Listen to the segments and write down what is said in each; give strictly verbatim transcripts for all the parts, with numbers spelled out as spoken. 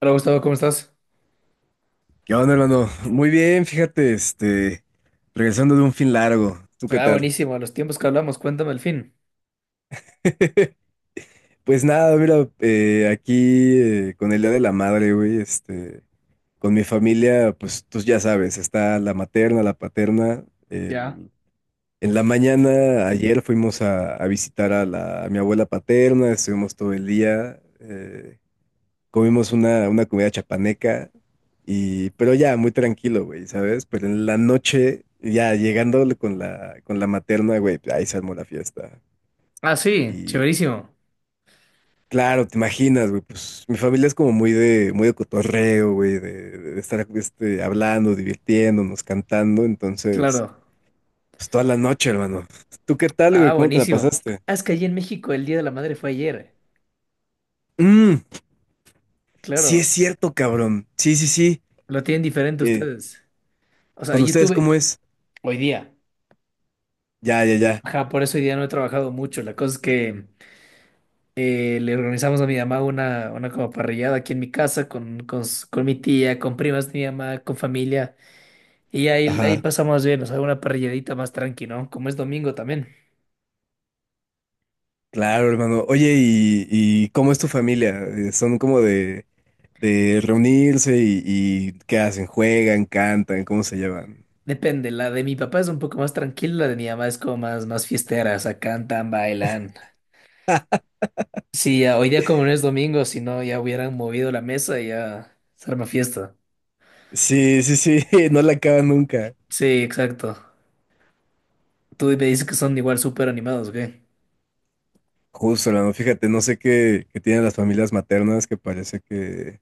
Hola Gustavo, ¿cómo estás? ¿Qué onda, hermano? Muy bien, fíjate, este, regresando de un fin largo. ¿Tú qué Ah, tal? buenísimo, los tiempos que hablamos, cuéntame el fin. Pues nada, mira, eh, aquí eh, con el Día de la Madre, güey, este, con mi familia, pues tú ya sabes, está la materna, la paterna. Ya. el- En la mañana, ayer fuimos a, a visitar a, la, a mi abuela paterna, estuvimos todo el día. eh, comimos una, una comida chapaneca, y, pero ya muy tranquilo, güey, ¿sabes? Pero en la noche, ya llegando con la, con la materna, güey, pues, ahí se armó la fiesta. Ah, sí, Y chéverísimo. claro, te imaginas, güey, pues mi familia es como muy de, muy de cotorreo, güey, de, de estar este, hablando, divirtiéndonos, cantando, entonces, Claro. pues toda la noche, hermano. ¿Tú qué tal, Ah, güey? ¿Cómo te la buenísimo. pasaste? Ah, es que allí en México el Día de la Madre fue ayer. Mm, sí es Claro, cierto, cabrón. Sí, sí, sí. lo tienen diferente Eh, ustedes. O sea, ¿con yo ustedes tuve cómo es? hoy día. Ya, ya, ya. Ajá, por eso hoy día no he trabajado mucho. La cosa es que eh, le organizamos a mi mamá una, una como parrillada aquí en mi casa, con, con, s- con mi tía, con primas de mi mamá, con familia. Y ahí, ahí Ajá. pasamos bien, o sea, una parrilladita más tranqui, ¿no? Como es domingo también. Claro, hermano. Oye, ¿y, y cómo es tu familia? Eh, ¿Son como de, de reunirse y, y qué hacen? ¿Juegan? ¿Cantan? ¿Cómo se llevan? Depende, la de mi papá es un poco más tranquila, la de mi mamá es como más, más fiestera, o sea, cantan, bailan. Sí, ya, hoy día como no es domingo, si no ya hubieran movido la mesa y ya se arma fiesta. Sí, sí, sí, no la acaban nunca. Sí, exacto. Tú me dices que son igual súper animados, ¿ok? Justo, hermano. Fíjate, no sé qué, qué tienen las familias maternas que parece que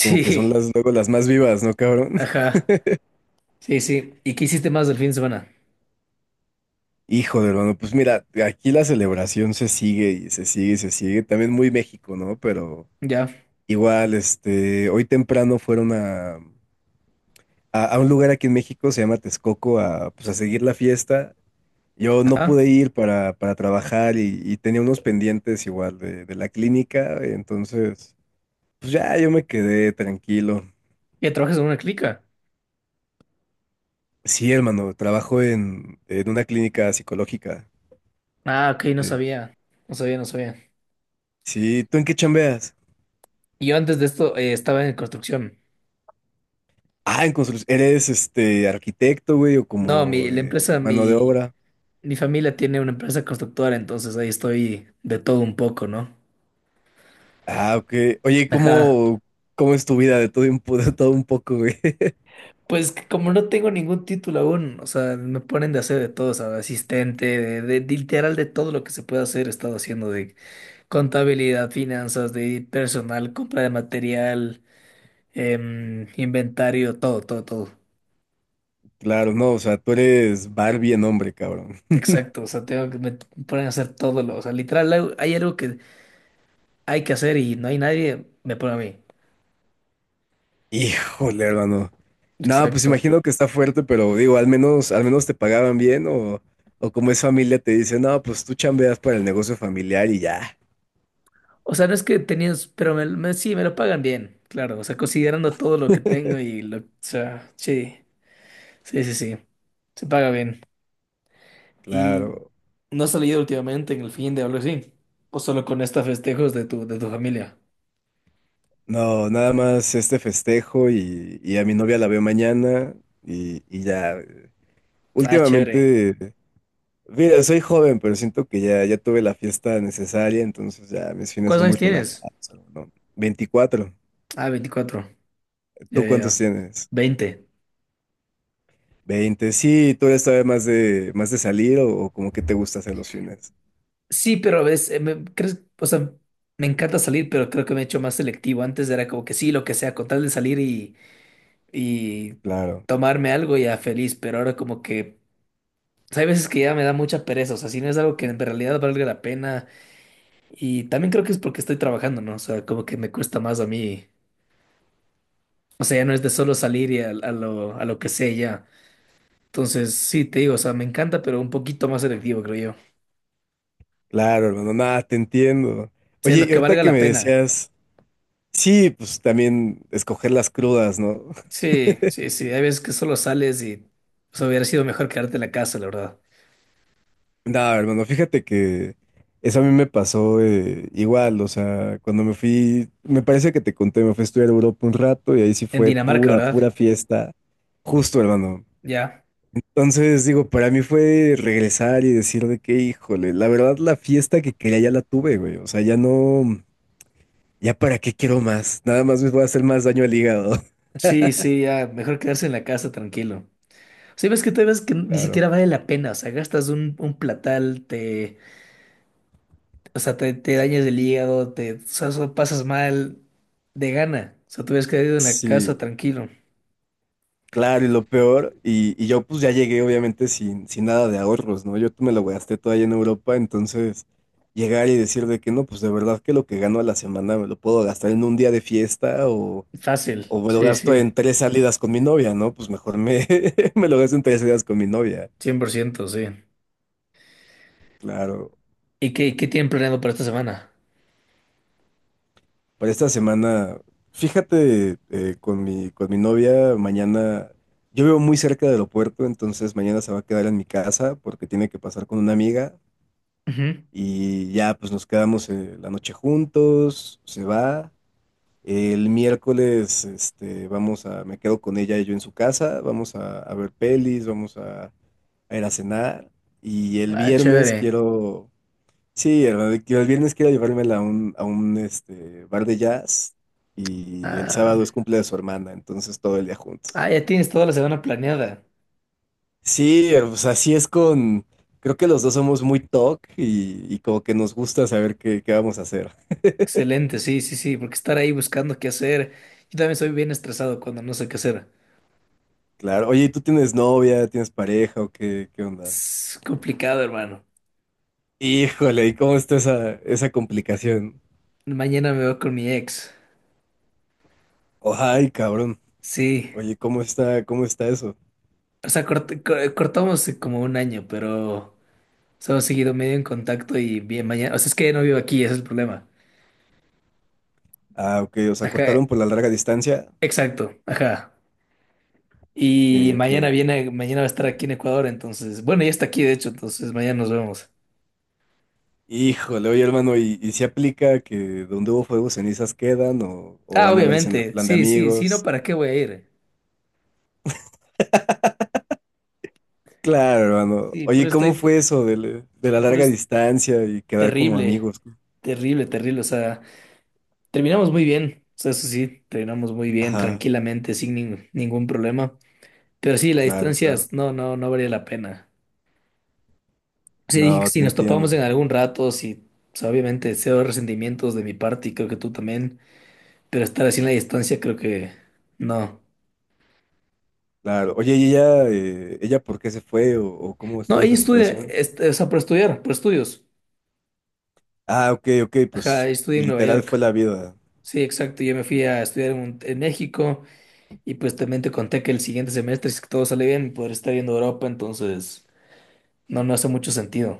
como que son las luego las más vivas, ¿no, cabrón? ajá. Sí, sí. ¿Y qué hiciste más del fin de semana? Hijo de hermano, pues mira, aquí la celebración se sigue y se sigue y se sigue. También muy México, ¿no? Pero Ya. igual, este, hoy temprano fueron a... a, a un lugar aquí en México, se llama Texcoco, a, pues, a seguir la fiesta. Yo no Ajá. pude ir para, para trabajar y, y tenía unos pendientes igual de, de la clínica, entonces, pues ya yo me quedé tranquilo. ¿Ya trabajas en una clica? Sí, hermano, trabajo en, en una clínica psicológica. Ah, ok, no Eh, sabía. No sabía, no sabía. sí, ¿tú en qué chambeas? Yo antes de esto eh, estaba en construcción. Ah, en construcción. ¿Eres este arquitecto, güey, o No, como mi, la de empresa, mano de mi, obra? mi familia tiene una empresa constructora, entonces ahí estoy de todo un poco, ¿no? Ah, ok. Oye, Ajá. ¿cómo, cómo es tu vida de todo un, po- de todo un poco, güey? Pues que como no tengo ningún título aún, o sea, me ponen de hacer de todo, o sea, asistente, de, de- de literal de todo lo que se puede hacer, he estado haciendo de contabilidad, finanzas, de personal, compra de material, em, inventario, todo, todo, todo. Claro, no, o sea, tú eres Barbie en hombre, cabrón. Exacto, o sea, tengo que me ponen a hacer todo lo, o sea, literal hay hay algo que hay que hacer y no hay nadie, me pone a mí. Híjole, hermano. No, pues Exacto. imagino que está fuerte, pero digo, al menos, al menos te pagaban bien o, o como es familia te dicen, no, pues tú chambeas para el negocio familiar y ya. O sea, no es que tenías, pero me, me- sí, me lo pagan bien, claro. O sea, considerando todo lo que tengo y lo, o sea, sí, sí, sí, sí, se paga bien. ¿Y Claro. no has salido últimamente en el fin de algo así? ¿O solo con estos festejos de tu, de tu familia? No, nada más este festejo y, y a mi novia la veo mañana y, y ya. eh, Ah, chévere. Últimamente, mira, soy joven, pero siento que ya, ya tuve la fiesta necesaria, entonces ya mis fines ¿Cuántos son años muy tienes? relajados, ¿no? Veinticuatro. Ah, veinticuatro. Ya, ¿Tú ya, cuántos ya. tienes? veinte. Veinte, sí, tú eres todavía más de, más de salir o, o como que te gusta hacer los fines. Sí, pero ves, eh, me, crees, o sea, me encanta salir, pero creo que me he hecho más selectivo. Antes era como que sí, lo que sea, con tal de salir y Claro, tomarme algo ya feliz, pero ahora como que pues, hay veces que ya me da mucha pereza, o sea, si no es algo que en realidad valga la pena y también creo que es porque estoy trabajando, ¿no? O sea, como que me cuesta más a mí, o sea, ya no es de solo salir y a, a lo, a lo que sé ya. Entonces, sí, te digo, o sea, me encanta, pero un poquito más selectivo, creo yo. claro, hermano, nada, te entiendo. Sí, Oye, lo y que ahorita valga que la me pena. decías, sí, pues también escoger las crudas, ¿no? Sí, sí, sí, hay veces que solo sales y o sea, hubiera sido mejor quedarte en la casa, la verdad. Nada, hermano, fíjate que eso a mí me pasó eh, igual, o sea, cuando me fui, me parece que te conté, me fui a estudiar a Europa un rato y ahí sí En fue Dinamarca, pura, ¿verdad? pura fiesta. Justo, hermano. Ya. Entonces, digo, para mí fue regresar y decir de que, híjole, la verdad la fiesta que quería ya la tuve, güey. O sea, ya no, ya para qué quiero más. Nada más me voy a hacer más daño al hígado. Sí, sí, ya, mejor quedarse en la casa tranquilo. Sí, ves que te ves que ni Claro. siquiera vale la pena, o sea, gastas un, un platal, te, o sea, te, te dañas el hígado, te, o sea, so- pasas mal de gana, o sea, te hubieras quedado en la casa Sí, tranquilo, claro, y lo peor, y, y yo pues ya llegué obviamente sin, sin nada de ahorros, ¿no? Yo me lo gasté todo allá en Europa, entonces llegar y decir de que no, pues de verdad que lo que gano a la semana me lo puedo gastar en un día de fiesta o, fácil, o me lo sí, gasto sí, en tres salidas con mi novia, ¿no? Pues mejor me, me lo gasto en tres salidas con mi novia. cien por ciento sí. Claro, ¿Y qué, qué tienen planeado para esta semana? para esta semana, fíjate, eh, con mi, con mi novia, mañana, yo vivo muy cerca del aeropuerto, entonces mañana se va a quedar en mi casa porque tiene que pasar con una amiga Ujú. y ya pues nos quedamos eh, la noche juntos, se va. El miércoles, este, vamos a, me quedo con ella y yo en su casa, vamos a, a ver pelis, vamos a, a ir a cenar y el Ah, viernes chévere. quiero... Sí, hermano, de que el viernes quiero llevármela a un, a un este, bar de jazz y el Ah, sábado es cumple de su hermana, entonces todo el día juntos. ah, ya tienes toda la semana planeada. Sí, eh, pues así es con, creo que los dos somos muy talk y, y como que nos gusta saber qué, qué vamos a hacer. Excelente, sí, sí, sí, porque estar ahí buscando qué hacer. Yo también soy bien estresado cuando no sé qué hacer. Claro, oye, ¿y ¿tú tienes novia, tienes pareja o qué, qué onda? Es complicado, hermano. Híjole, ¿y cómo está esa, esa complicación? Mañana me voy con mi ex. Ay, cabrón. Sí, Oye, ¿cómo está, cómo está eso? o sea, cort- co- cortamos como un año, pero hemos seguido medio en contacto y bien mañana, o sea, es que no vivo aquí, ese es el problema. Ah, ok, o sea, Ajá, cortaron por la larga distancia. exacto, ajá. Y Ok, ok. mañana viene, mañana va a estar aquí en Ecuador, entonces, bueno, ya está aquí, de hecho, entonces mañana nos vemos. Híjole, oye hermano, ¿y, y si aplica que donde hubo fuego cenizas quedan o, o Ah, van a verse en obviamente, plan de sí, sí, sí, no, amigos? ¿para qué voy a ir? Claro, hermano. Sí, pero Oye, ¿cómo estoy, fue eso de, la de la pero larga es distancia y quedar como terrible, amigos? terrible, terrible, o sea, terminamos muy bien, o sea, eso sí, terminamos muy bien, Ajá, tranquilamente, sin nin- ningún problema. Pero sí, la claro, distancia claro. es- no, no, no valía la pena. Sí, dije No, si te nos topamos en entiendo. algún rato, sí, o sea, obviamente cero resentimientos de mi parte y creo que tú también, pero estar así en la distancia creo que no. Claro. Oye, ¿y ella, eh, ella por qué se fue o, o cómo No, estuvo ella esa estudia, situación? est- o sea, por estudiar, por estudios. Ah, ok, ok, Ajá, ella pues estudia en Nueva literal fue York. la vida. Sí, exacto, yo me fui a estudiar en, un- en México y pues también te conté que el siguiente semestre, si todo sale bien, podré estar viendo Europa, entonces no, no hace mucho sentido.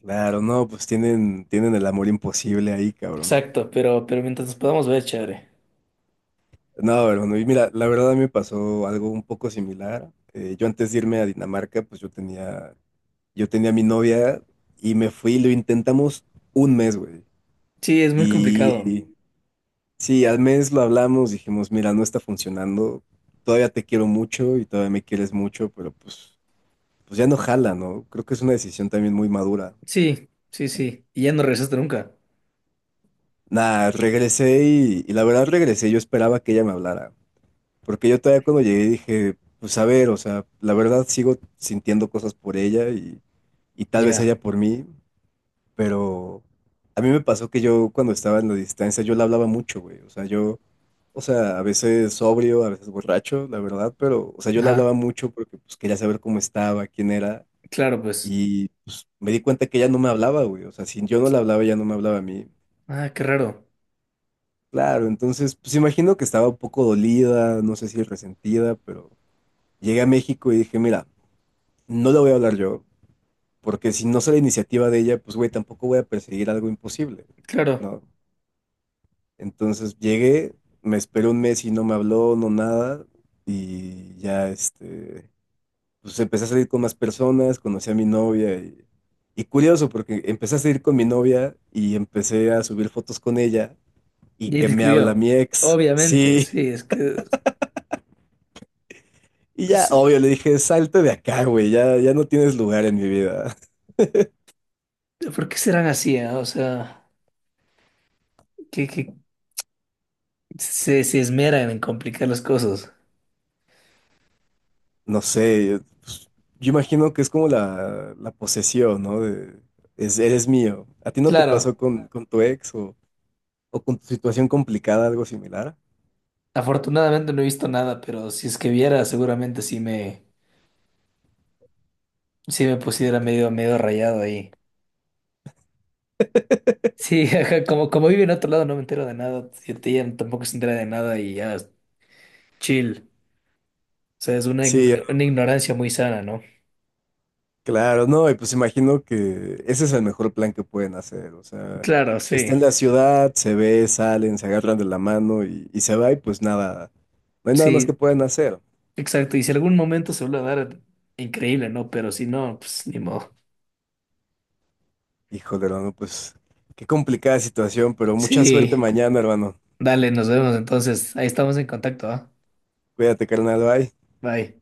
Claro, no, pues tienen, tienen el amor imposible ahí, cabrón. Exacto, pero, pero mientras nos podamos ver, chévere. No, hermano, y mira, la verdad a mí me pasó algo un poco similar. Eh, yo antes de irme a Dinamarca, pues yo tenía, yo tenía a mi novia y me fui, lo intentamos un mes, güey. Sí, es muy complicado. Y, sí, al mes lo hablamos, dijimos, mira, no está funcionando, todavía te quiero mucho y todavía me quieres mucho, pero pues, pues ya no jala, ¿no? Creo que es una decisión también muy madura. Sí, sí, sí. Y ya no regresaste nunca. Nada, regresé y, y la verdad regresé, yo esperaba que ella me hablara. Porque yo todavía cuando llegué dije, pues a ver, o sea, la verdad sigo sintiendo cosas por ella y, y tal vez Ya. ella por mí, pero a mí me pasó que yo cuando estaba en la distancia yo la hablaba mucho, güey, o sea, yo, o sea, a veces sobrio, a veces borracho, la verdad, pero, o sea, yo la Ajá. hablaba mucho porque pues quería saber cómo estaba, quién era Claro, pues. y pues me di cuenta que ella no me hablaba, güey, o sea, si yo no la hablaba, ella no me hablaba a mí. Ah, qué raro. Claro, entonces, pues imagino que estaba un poco dolida, no sé si resentida, pero llegué a México y dije, mira, no la voy a hablar yo, porque si no sale iniciativa de ella, pues güey, tampoco voy a perseguir algo imposible, Claro. ¿no? Entonces llegué, me esperé un mes y no me habló, no nada, y ya este, pues empecé a salir con más personas, conocí a mi novia y, y curioso, porque empecé a salir con mi novia y empecé a subir fotos con ella y Y ahí que te me habla escribió. mi ex, Obviamente, sí, sí, es que. y ya, es- obvio, le dije, salte de acá, güey, ya, ya no tienes lugar en mi vida. ¿Por qué serán así? ¿Ah? O sea, que, que se, se esmeran en complicar las cosas. No sé, yo, pues, yo imagino que es como la, la posesión, ¿no? De, es, eres mío. ¿A ti no te pasó Claro, con, con tu ex o, o con tu situación complicada algo similar? afortunadamente no he visto nada, pero si es que viera, seguramente sí me, sí me pusiera medio, medio rayado ahí. Sí, ajá, como, como vive en otro lado, no me entero de nada. Ella tampoco se entera de nada y ya, chill. O sea, es una, Sí, ign- una ignorancia muy sana, ¿no? claro, no, y pues imagino que ese es el mejor plan que pueden hacer, o sea, Claro, está sí. en la ciudad, se ve, salen, se agarran de la mano y, y se va y pues nada, no hay nada más que Sí, pueden hacer. exacto. Y si algún momento se vuelve a dar, increíble, ¿no? Pero si no, pues ni modo. Híjole, hermano, pues qué complicada situación, pero mucha suerte Sí, mañana, hermano. dale, nos vemos entonces. Ahí estamos en contacto, ¿ah? Cuídate, carnal, bye. Bye.